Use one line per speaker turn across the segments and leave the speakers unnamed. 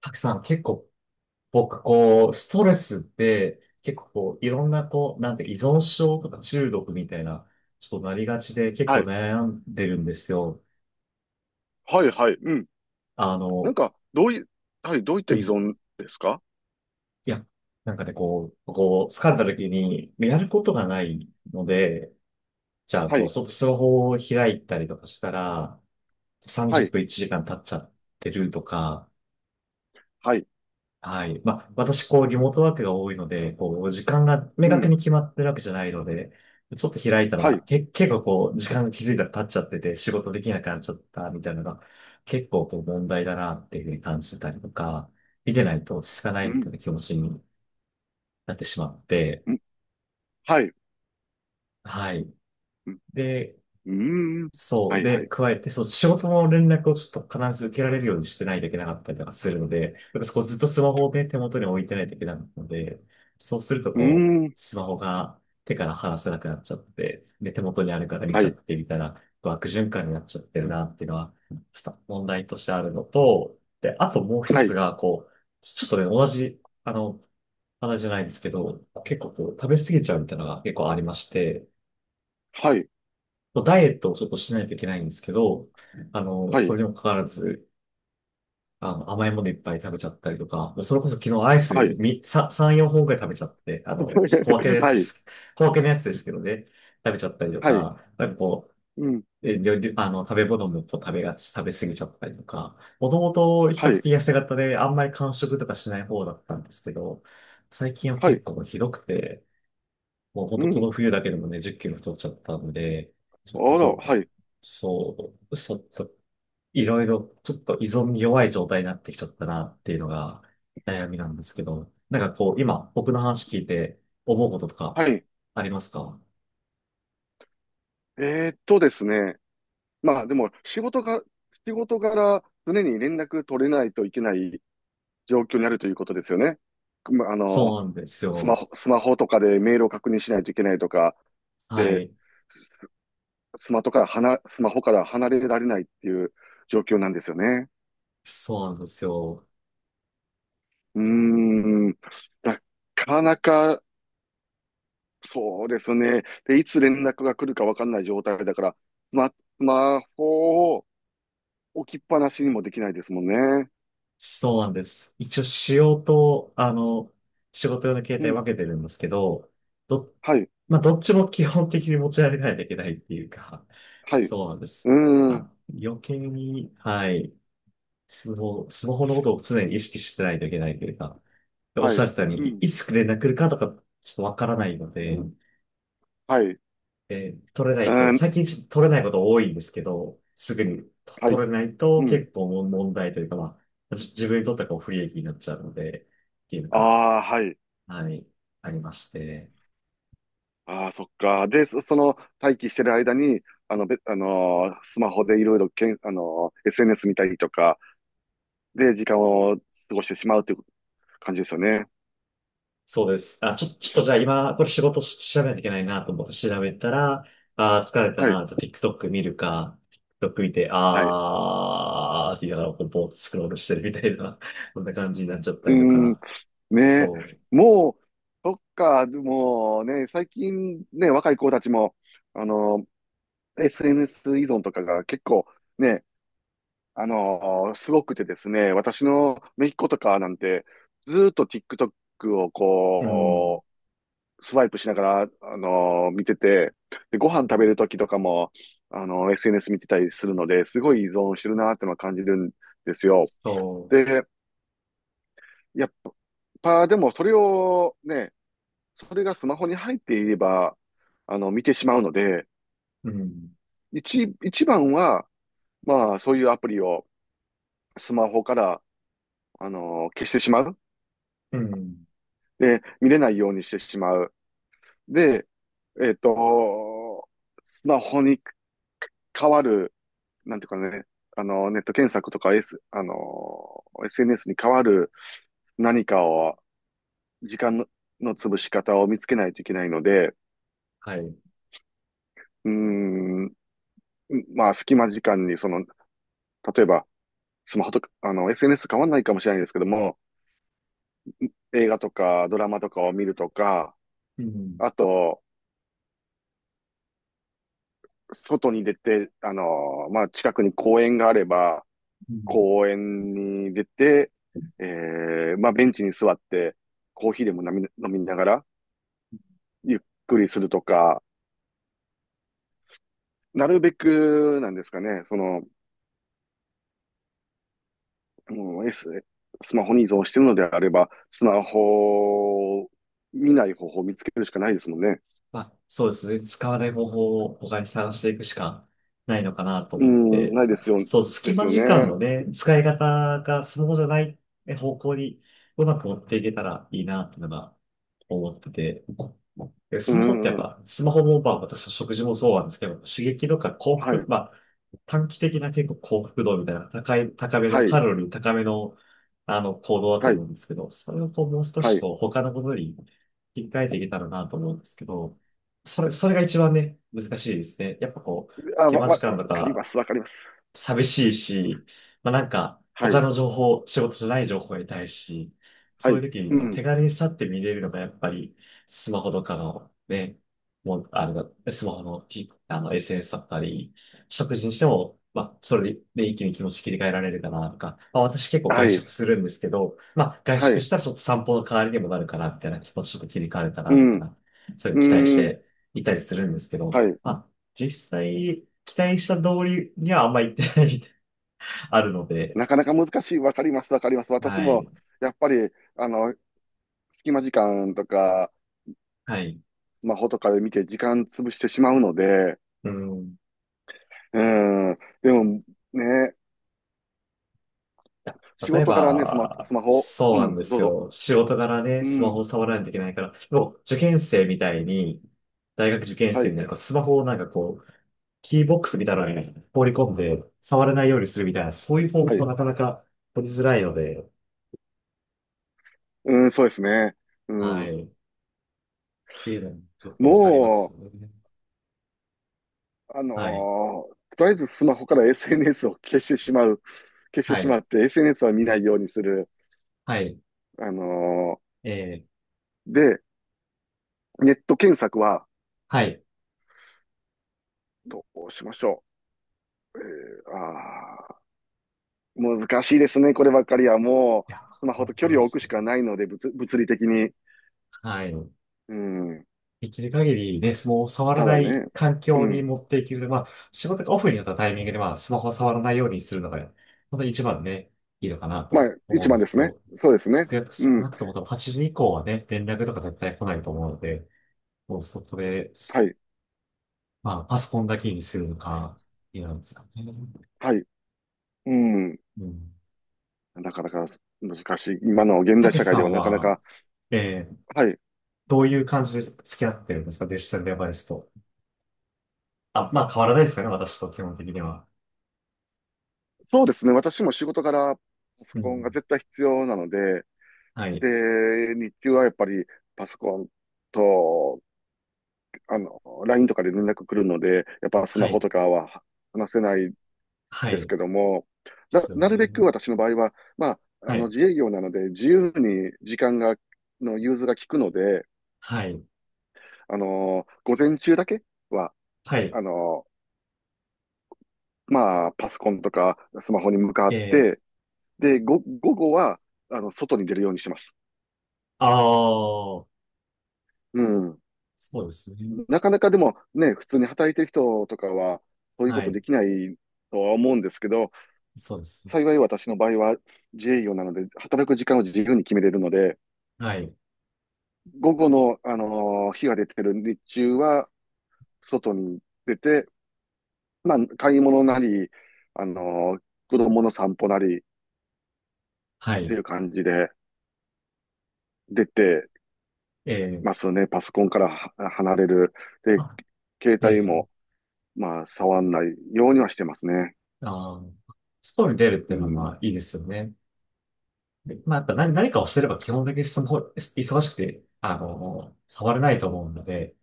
たくさん結構僕こう、ストレスって結構こう、いろんなこう、なんて依存症とか中毒みたいな、ちょっとなりがちで結
は
構
い。
悩んでるんですよ。
はい、はい。うん。
あ
なん
の、
か、どうい、はい、どういった
う
依
ん。
存ですか？
いや、なんかね、こう、疲れた時にやることがないので、じゃあ
は
こう、
い、
ちょっとスマホを開いたりとかしたら、
は
30
い、
分1時間経っちゃってるとか、
はい。
はい。まあ、私、こう、リモートワークが多いので、こう、時間が明
う
確
ん、
に決まってるわけじゃないので、ちょっと開いた
は
ら、
い。
結構こう、時間が気づいたら経っちゃってて、仕事できなくなっちゃったみたいなのが、結構こう、問題だなっていうふうに感じてたりとか、見てないと落ち着かな
う
いみた
ん、
いな気持ちになってしまって、
うん、はい。
はい。
うん、
で、
うーん、
そ
は
う。
い、は
で、
い。
加えて、そう、仕事の連絡をちょっと必ず受けられるようにしてないといけなかったりとかするので、やっぱこうずっとスマホをね、手元に置いてないといけないので、そうすると
うー
こう、
ん、
スマホが手から離せなくなっちゃって、で、手元にあるから見
は
ちゃ
い、
ってみたいな、こう悪循環になっちゃってるなっていうのは、ちょっと問題としてあるのと、で、あともう一
は
つ
い、
が、こう、ちょっとね、同じ、あの、話じゃないですけど、結構こう、食べ過ぎちゃうみたいなのが結構ありまして、
はい、
ダイエットをちょっとしないといけないんですけど、あの、
は
そ
い、
れにもかかわらず、あの、甘いものいっぱい食べちゃったりとか、それこそ昨日アイス
はい。
みさ3、4本くらい食べちゃって、あの、小分けの やつ
は
で
い、
す。小分けのやつですけどね、食べちゃったりと
はい、
か、なんかこう、
うん、
料理あの、食べ物もこう食べがち、食べ過ぎちゃったりとか、もともと比
は
較的
い、
痩せ型であんまり間食とかしない方だったんですけど、最近は
は
結
い、
構ひどくて、もう本
う
当こ
ん。
の冬だけでもね、10キロ太っちゃったんで、ち
あ
ょっと
ら、
ど、
はい、
そう、ちょっと、いろいろ、ちょっと依存に弱い状態になってきちゃったなっていうのが悩みなんですけど、なんかこう、今、僕の話聞いて思うこととか
はい。
ありますか？
ですね。まあ、でも、仕事柄、常に連絡取れないといけない状況にあるということですよね。まあ、あの、
そうなんです
スマ
よ。
ホ、スマホとかでメールを確認しないといけないとか、
は
で、
い。
スマホから離れられないっていう状況なんですよね。
そうなんですよ。
うーん。なかなか、そうですね。で、いつ連絡が来るかわかんない状態だから、スマホを置きっぱなしにもできないですもんね。
そうなんです。一応仕様と、あの、仕事用の携
う
帯
ん。
分けてるんですけど、ど、
はい。
まあ、どっちも基本的に持ち歩かないといけないっていうか、
はい。う
そうなんです。ま
ーん。
あ、余計に、はい、スマホのことを常に意識してないといけないというか、でおっ
は
し
い。
ゃってたよう
う
に、い
ん。
いつ連絡来るかとか、ちょっとわからないので、
はい。う
取れない
ー
と、最
ん。
近ちょっと取れないこと多いんですけど、すぐに
は
取
い。
れないと
うん。
結構問題というか、まあ、自分にとってはこう不利益になっちゃうので、っていうのが、
ああ、はい。
はい、ありまして。
ああ、そっか。で、その待機してる間に、あの、べ、あのースマホでいろいろけん、あのー SNS 見たりとか、で、時間を過ごしてしまうという感じですよね。
そうです。ちょっとじゃあ今、これ仕事し調べないといけないなと思って調べたら、あー、疲れた
はい、
な、じゃあ TikTok 見るか、TikTok 見て、
はい。う
あーって言いながら、こう、ぼーっとスクロールしてるみたいな、こんな感じになっちゃった
ー
りと
ん、
か、
ねえ、
そ
もう、そっか。でもね、最近ね、若い子たちも、あのSNS 依存とかが結構ね、すごくてですね、私の姪っ子とかなんて、ずーっと TikTok を
う、うん、
スワイプしながら、見てて、で、ご飯食べるときとかも、SNS 見てたりするので、すごい依存してるなーってのは感じるんですよ。
そ
で、やっぱ、でもそれをね、それがスマホに入っていれば、見てしまうので、
う、うん。
一番は、まあ、そういうアプリをスマホから、消してしまう。
うん、
で、見れないようにしてしまう。で、えっと、スマホに変わる、なんていうかね、ネット検索とか、S、あの、SNS に変わる何かを、時間の潰し方を見つけないといけないので、
はい。う
うーん、まあ、隙間時間に、その、例えば、スマホとか、SNS 変わんないかもしれないですけども、映画とかドラマとかを見るとか、
ん。
あと、外に出て、まあ、近くに公園があれば、
うん、
公園に出て、えまあ、ベンチに座って、コーヒーでも飲みながら、ゆっくりするとか、なるべくなんですかね、その、もう スマホに依存してるのであれば、スマホを見ない方法を見つけるしかないですもんね。
まあ、そうですね。使わない方法を他に探していくしかないのかなと
う
思っ
ん、
て、
ないで
ま
す
あ
よ、
ちょっと
で
隙
す
間
よ
時間
ね。
のね、使い方がスマホじゃない方向にうまく持っていけたらいいなっていうのが思ってて、で
う
スマホってやっ
ん、は
ぱ、スマホもまあ私の食事もそうなんですけど、刺激とか幸
い、
福、まあ、短期的な結構幸福度みたいな高い、高めの、
は
カ
い、
ロリー高めの、あの、行動だと
は
思
い、
うんですけど、それをこう、もう少し
はい。
こう、他のことに切り替えていけたらなと思うんですけど、それが一番ね、難しいですね。やっぱこう、
あ、
隙間時間
わ
と
かりま
か、
す、わかります。
寂しいし、まあなんか、
は
他
い、
の情報、仕事じゃない情報を得たいし、
は
そう
い、
いう時
う
に
ん、
手軽にさって見れるのがやっぱり、スマホとかのね、もう、あの、スマホの、SNS だったり、食事にしても、まあ、それで一気に気持ち切り替えられるかなとか、まあ私結構
は
外
い、
食するんですけど、まあ外
は
食
い、
したらちょっと散歩の代わりにもなるかな、みたいな気持ちちょっと切り替わるかな、
う
みたい
ん、
な、そういうの
う
期待し
ん、
ていたりするんですけど、
はい。
まあ実際、期待した通りにはあんまり行ってないみたいな、あるので、
なかなか難しい、わかります、わかります。私
は
も、
い、
やっぱり、あの、隙間時間とか、
はい。
スマホとかで見て時間潰してしまうので、
うん。
うん、でもね、仕
例え
事からね、
ば、
スマホ、
そう
う
なん
ん、
で
ど
す
うぞ。
よ。仕事柄ね、
う
スマホ
ん、
を触らないといけないから、でもう受験生みたいに、大学受験
は
生み
い、
たいな、スマホをなんかこう、キーボックスみたいなのに放り込んで、触れないようにするみたいな、そういう方
は
法も
い、
なかなか取りづらいので、
うん、そうですね。う
は
ん、
い。っていうのもちょっとあります
も
よね。
う、
はい。
とりあえずスマホから SNS を消してしまう、消して
は
しま
い。
って、SNS は見ないようにする。
はい。
あの
えー、
で、ネット検索は
はい。い
どうしましょう。あー難しいですね、こればっかりは。もう、
や、
スマホ
本
と距
当
離
で
を置く
す
し
ね。
かないので、物理的に。
はい。
うん。
できる限りね、スマホを触ら
た
な
だ
い
ね、
環
う
境に
ん。
持っていける。まあ、仕事がオフになったタイミングで、まあ、スマホを触らないようにするのが、本当に一番ね、いいのかな
ま
と
あ、
思う
一
んで
番で
すけ
すね。
ど、
そうですね。
少
うん。
なくとも多分8時以降はね、連絡とか絶対来ないと思うので、もうそこで、
はい。
まあ、パソコンだけにするのか、いいなんですかね。
はい。うん。
うん。
なかなか難しい。今の現
た
代
け
社
し
会
さ
では
ん
なかな
は、
か。
えー、
はい。
どういう感じで付き合ってるんですかデジタルデバイスと。あ、まあ変わらないですかね、私と基本的には。
そうですね。私も仕事からパソ
う
コンが
ん。
絶対必要なので、
はい。
で、日中はやっぱりパソコンと、あの、LINE とかで連絡来るので、やっぱス
は
マホ
い。
とかは話せない
は
です
い。
けども、
ですよ
なる
ね。
べく私の場合は、まあ、
はい。
自営業なので、自由に時間が、の融通が利くので、
はい。
午前中だけは、
はい。
あのまあ、パソコンとかスマホに向か
え
っ
ー、
て、で、午後は、外に出るようにします。
ああ、
うん。
そうですね。
なかなかでもね、普通に働いてる人とかは、そういうこ
は
と
い。
できないとは思うんですけど、
そうですね。
幸い私の場合は自営業なので、働く時間を自由に決めれるので、
はい。
午後の、日が出てる日中は、外に出て、まあ、買い物なり、あのー子供の散歩なりっ
は
て
い。
いう感じで、出て
え
ま
ー、
すね。パソコンからは離れる。で、
あ、
携
え
帯
ー、
も、まあ、触んないようにはしてますね。
あー、ストーリー出るって
う
いうのはま
ん。
あいいですよね。でまあ、やっぱ何かをしてれば基本的にスマホ、忙しくて、あの、触れないと思うので、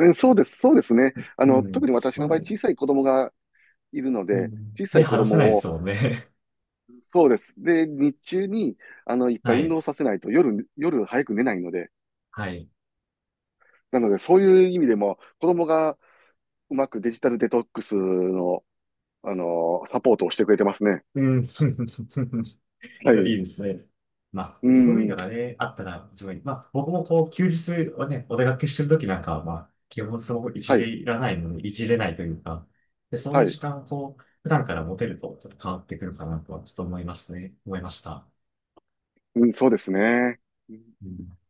そうです、そうですね。
う
特
ん、
に私
そ
の場合、
れ、
小さい子供がいるの
う
で、
ん、
小さ
で、
い子
話せないで
供を、
すもんね。
そうです。で、日中に、いっ ぱい
は
運
い。
動させないと、夜早く寝ないので、
はい。
なので、そういう意味でも、子供がうまくデジタルデトックスの、サポートをしてくれてますね。
うん。
は
いい
い。
ですね。まあ、
う
そういうの
ん。
がね、あったら、自分に、まあ、僕もこう、休日はね、お出かけしてるときなんかは、まあ、基本いじ
は
れ
い。
いらないので、いじれないというか、で、そういう
はい。
時間をこう、普段から持てると、ちょっと変わってくるかなとは、ちょっと思いますね。思いました。
うん、そうですね。
うん